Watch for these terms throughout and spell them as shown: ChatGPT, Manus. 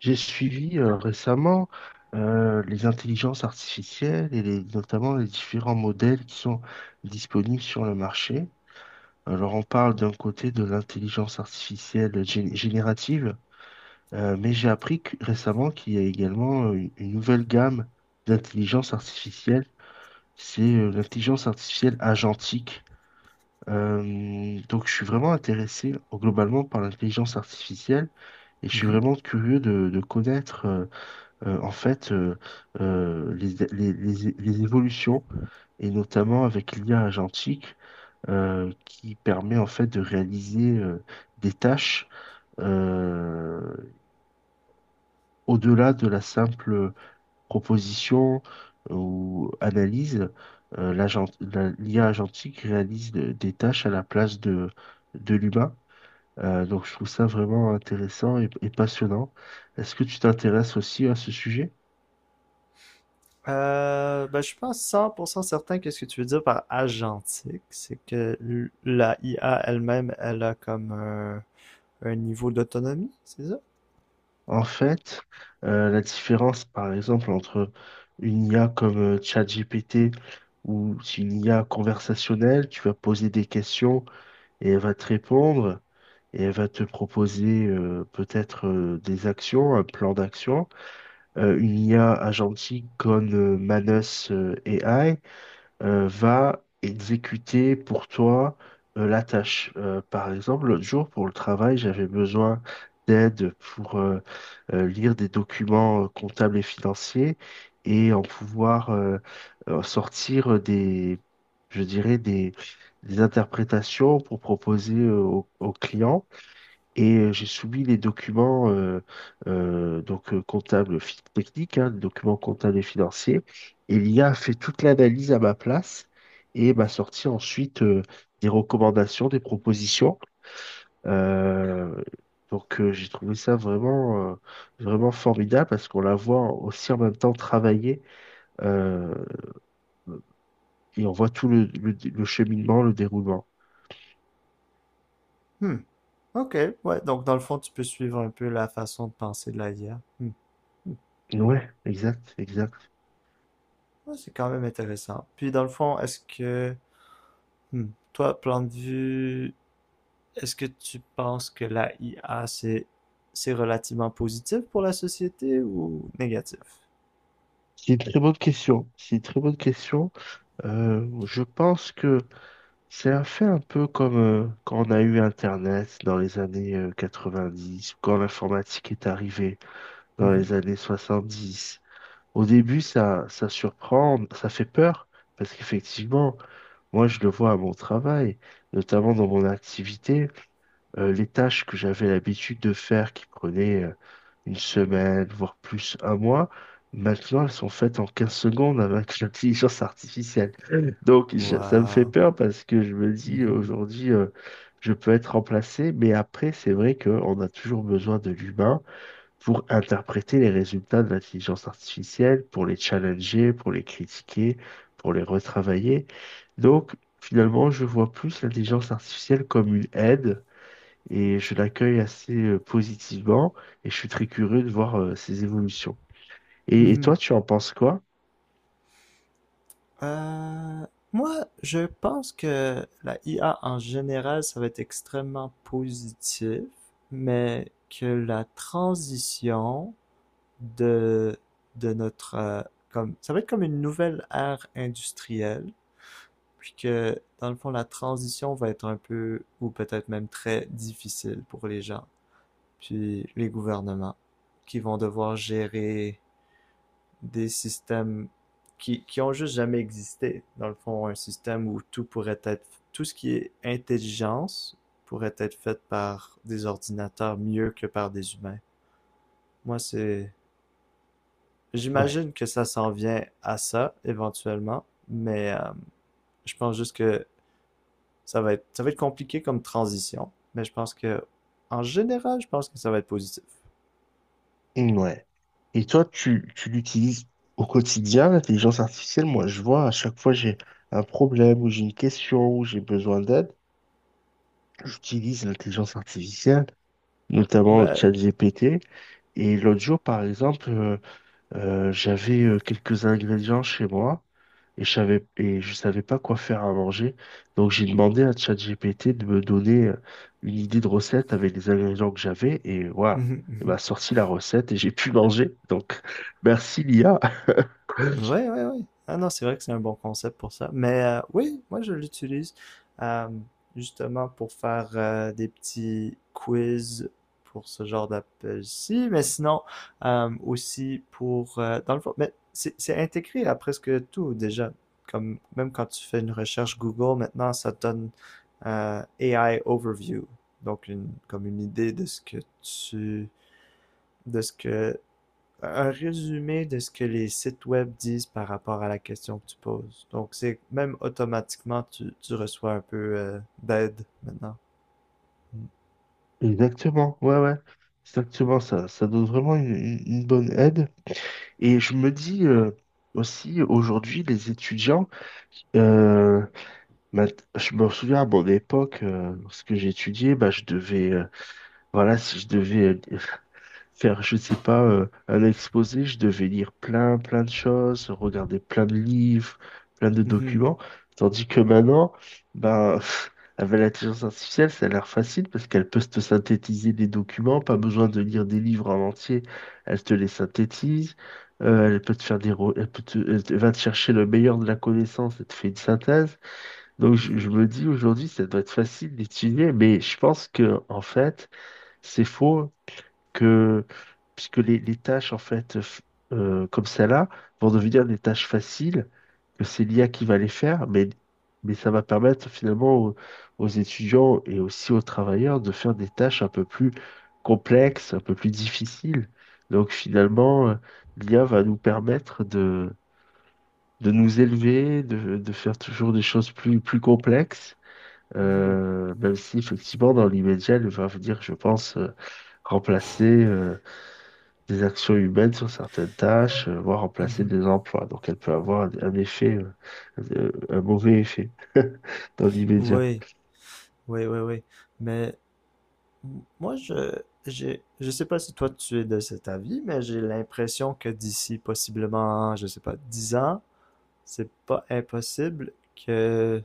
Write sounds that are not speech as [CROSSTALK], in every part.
J'ai suivi récemment les intelligences artificielles notamment les différents modèles qui sont disponibles sur le marché. Alors on parle d'un côté de l'intelligence artificielle générative, mais j'ai appris récemment qu'il y a également une nouvelle gamme d'intelligence artificielle. C'est l'intelligence artificielle agentique. Donc je suis vraiment intéressé globalement par l'intelligence artificielle et je suis Mhm. vraiment curieux de connaître en fait, les évolutions, et notamment avec l'IA agentique, qui permet en fait de réaliser des tâches euh, au-delà de la simple proposition ou analyse. L'IA agentique réalise des tâches à la place de l'humain. Donc je trouve ça vraiment intéressant et passionnant. Est-ce que tu t'intéresses aussi à ce sujet? Je suis pas 100% certain que ce que tu veux dire par agentique, c'est que la IA elle-même, elle a comme un niveau d'autonomie, c'est ça? En fait, la différence, par exemple, entre une IA comme ChatGPT ou une IA conversationnelle, tu vas poser des questions et elle va te répondre et elle va te proposer peut-être des actions, un plan d'action. Une IA agentique comme Manus AI, va exécuter pour toi la tâche. Par exemple, l'autre jour, pour le travail, j'avais besoin d'aide pour lire des documents comptables et financiers et en pouvoir sortir je dirais, des interprétations pour proposer au client. Et j'ai soumis les documents comptables techniques, hein, les documents comptables et financiers. Et l'IA a fait toute l'analyse à ma place et m'a sorti ensuite des recommandations, des propositions. Euh, j'ai trouvé ça vraiment, vraiment formidable parce qu'on la voit aussi en même temps travailler euh, et on voit tout le cheminement, le déroulement. Hmm. Ok, ouais, donc dans le fond, tu peux suivre un peu la façon de penser de la IA. Hmm. Hmm. Ouais, exact, exact. Ouais, c'est quand même intéressant. Puis dans le fond, hmm, toi, plan de vue, est-ce que tu penses que la IA, c'est relativement positif pour la société ou négatif? C'est une très bonne question. C'est une très bonne question. Je pense que c'est un fait un peu comme quand on a eu Internet dans les années 90, quand l'informatique est arrivée dans Mhm. les années 70. Au début, ça surprend, ça fait peur, parce qu'effectivement, moi je le vois à mon travail, notamment dans mon activité les tâches que j'avais l'habitude de faire qui prenaient une semaine, voire plus un mois, maintenant elles sont faites en 15 secondes avec [LAUGHS] l'intelligence artificielle. Ça me fait Wow. peur parce que je me dis Mhm. aujourd'hui, je peux être remplacé, mais après c'est vrai qu'on a toujours besoin de l'humain pour interpréter les résultats de l'intelligence artificielle, pour les challenger, pour les critiquer, pour les retravailler. Donc finalement, je vois plus l'intelligence artificielle comme une aide et je l'accueille assez positivement et je suis très curieux de voir ses évolutions. Et toi, Mhm. tu en penses quoi? Euh, Moi, je pense que la IA en général, ça va être extrêmement positif, mais que la transition de, de notre, ça va être comme une nouvelle ère industrielle, puis que, dans le fond, la transition va être un peu, ou peut-être même très difficile pour les gens, puis les gouvernements, qui vont devoir gérer des systèmes qui ont juste jamais existé. Dans le fond, un système où tout ce qui est intelligence pourrait être fait par des ordinateurs mieux que par des humains. Moi, c'est, Ouais. J'imagine que ça s'en vient à ça éventuellement, mais je pense juste que ça va être compliqué comme transition. Mais je pense que, en général, je pense que ça va être positif. Mm, ouais. Et toi, tu l'utilises au quotidien, l'intelligence artificielle? Moi, je vois à chaque fois j'ai un problème ou j'ai une question ou j'ai besoin d'aide, j'utilise l'intelligence artificielle, notamment Ben, ChatGPT. Et l'autre jour, par exemple, j'avais quelques ingrédients chez moi et je savais pas quoi faire à manger. Donc j'ai demandé à ChatGPT de me donner une idée de recette avec les ingrédients que j'avais et voilà, il m'a [LAUGHS] sorti la recette et j'ai pu manger. Donc [LAUGHS] merci l'IA. ouais, ouais, ouais. Ah non, c'est vrai que c'est un bon concept pour ça. Mais oui, moi je l'utilise euh, justement pour faire des petits quiz pour ce genre d'appel-ci, mais sinon aussi pour dans le fond, mais c'est intégré à presque tout déjà. Comme même quand tu fais une recherche Google, maintenant ça te donne AI overview, donc une comme une idée de ce que tu de ce que un résumé de ce que les sites web disent par rapport à la question que tu poses. Donc, c'est même automatiquement, tu reçois un peu d'aide maintenant. Exactement, ouais, ouais, exactement ça. Ça donne vraiment une bonne aide. Et je me dis aussi aujourd'hui, les étudiants, euh, je me souviens à mon époque, lorsque j'étudiais, bah, je devais. Voilà, si je devais faire, je sais pas, un exposé, je devais lire plein, plein de choses, regarder plein de livres, plein de Mhm, documents. Tandis que maintenant, ben, [LAUGHS] avec l'intelligence artificielle, ça a l'air facile parce qu'elle peut te synthétiser des documents, pas besoin de lire des livres en entier. Elle te les synthétise, elle peut te- elle te- va te chercher le meilleur de la connaissance et te fait une synthèse. Donc, je, mhm, je me dis aujourd'hui, ça doit être facile d'étudier, mais je pense que, en fait, c'est faux que puisque les tâches en fait comme celle-là vont devenir des tâches faciles que c'est l'IA qui va les faire, mais ça va permettre finalement aux étudiants et aussi aux travailleurs de faire des tâches un peu plus complexes, un peu plus difficiles. Donc finalement, l'IA va nous permettre de nous élever, de faire toujours des choses plus complexes. mhm, Même si effectivement dans l'immédiat, elle va venir, je pense, remplacer des actions humaines sur certaines tâches, voire remplacer mhm. des emplois. Donc elle peut avoir un effet, un mauvais effet [LAUGHS] dans l'immédiat. Oui, oui, oui, oui. Mais moi, je sais pas si toi tu es de cet avis, mais j'ai l'impression que d'ici possiblement, je sais pas, 10 ans, c'est pas impossible que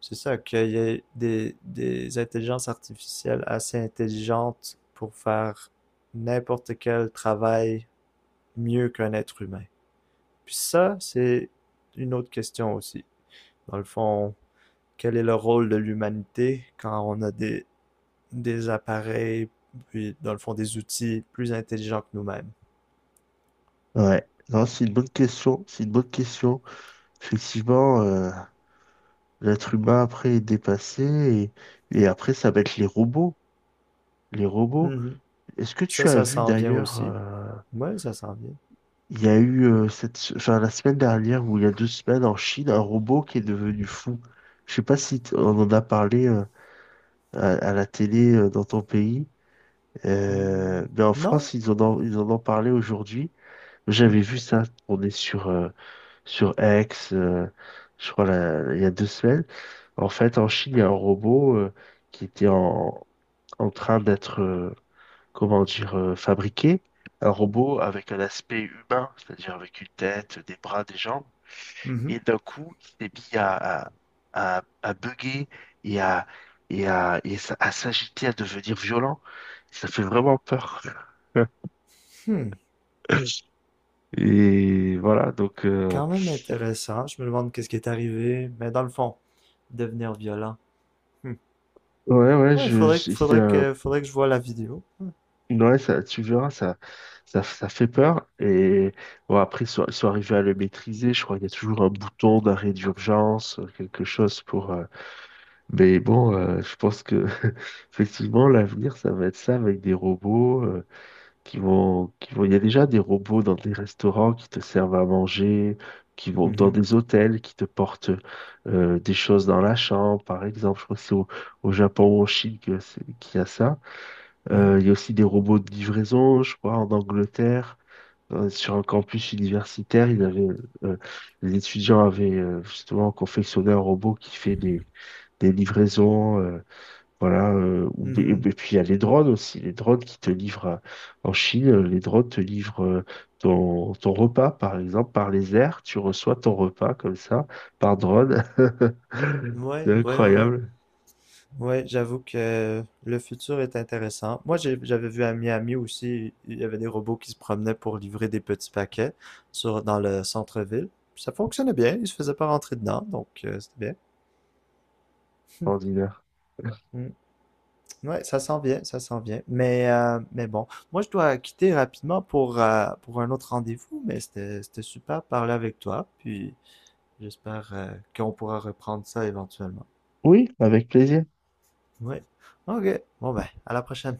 C'est ça, qu'il y ait des intelligences artificielles assez intelligentes pour faire n'importe quel travail mieux qu'un être humain. Puis ça, c'est une autre question aussi. Dans le fond, quel est le rôle de l'humanité quand on a des appareils, puis dans le fond des outils plus intelligents que nous-mêmes? Ouais, non, c'est une bonne question, c'est une bonne question. Effectivement, l'être humain après est dépassé et après ça va être les robots. Les robots. Mhm. Est-ce que Puis ça, tu as ça vu s'en vient d'ailleurs, aussi. Ouais, ça s'en vient. il y a eu enfin, la semaine dernière ou il y a 2 semaines en Chine, un robot qui est devenu fou. Je sais pas si on en a parlé à la télé dans ton pays. Hmm, Mais en non? France, ils en ont parlé aujourd'hui. Hmm. J'avais vu ça tourner sur X, je crois, il y a 2 semaines. En fait, en Chine, il y a un robot qui était en train d'être, comment dire, fabriqué. Un robot avec un aspect humain, c'est-à-dire avec une tête, des bras, des jambes. Mhm. Et d'un coup, il s'est mis à bugger et à, et à, à s'agiter, à devenir violent. Ça fait vraiment peur. [LAUGHS] Hmm. Et voilà, donc, Quand même intéressant. Je me demande qu'est-ce qui est arrivé. Mais dans le fond, devenir violent. Hmm. ouais, ouais, Ouais, c'est, faudrait que je voie la vidéo. Hmm. ouais, ça, tu verras, ça fait peur. Et bon, après, ils sont arrivés à le maîtriser. Je crois qu'il y a toujours un bouton d'arrêt d'urgence, quelque chose pour. Mais bon, je pense que, [LAUGHS] effectivement, l'avenir, ça va être ça avec des robots. Il y a déjà des robots dans des restaurants qui te servent à manger, qui vont dans Mhm. des hôtels qui te portent des choses dans la chambre, par exemple. Je crois que c'est au Japon ou en Chine qu'il y a ça. Mhm. Il y a aussi des robots de livraison, je crois, en Angleterre. Sur un campus universitaire, euh, les étudiants avaient justement confectionné un robot qui fait des livraisons. Voilà, et Mhm. puis il y a les drones aussi, les drones qui te livrent en Chine, les drones te livrent ton repas, par exemple, par les airs, tu reçois ton repas comme ça, par drone. [LAUGHS] C'est Ouais, ouais, ouais, ouais. incroyable, Ouais, j'avoue que le futur est intéressant. Moi, j'avais vu à Miami aussi, il y avait des robots qui se promenaient pour livrer des petits paquets sur, dans le centre-ville. Ça fonctionnait bien, ils se faisaient pas rentrer dedans, donc c'était bien. Hmm. ordinaire. Hmm. Ouais, ça s'en vient, ça s'en vient. Mais bon, moi je dois quitter rapidement pour un autre rendez-vous, mais c'était super de parler avec toi. Puis j'espère qu'on pourra reprendre ça éventuellement. Oui, avec plaisir. Ouais. Ok. Bon ben, à la prochaine.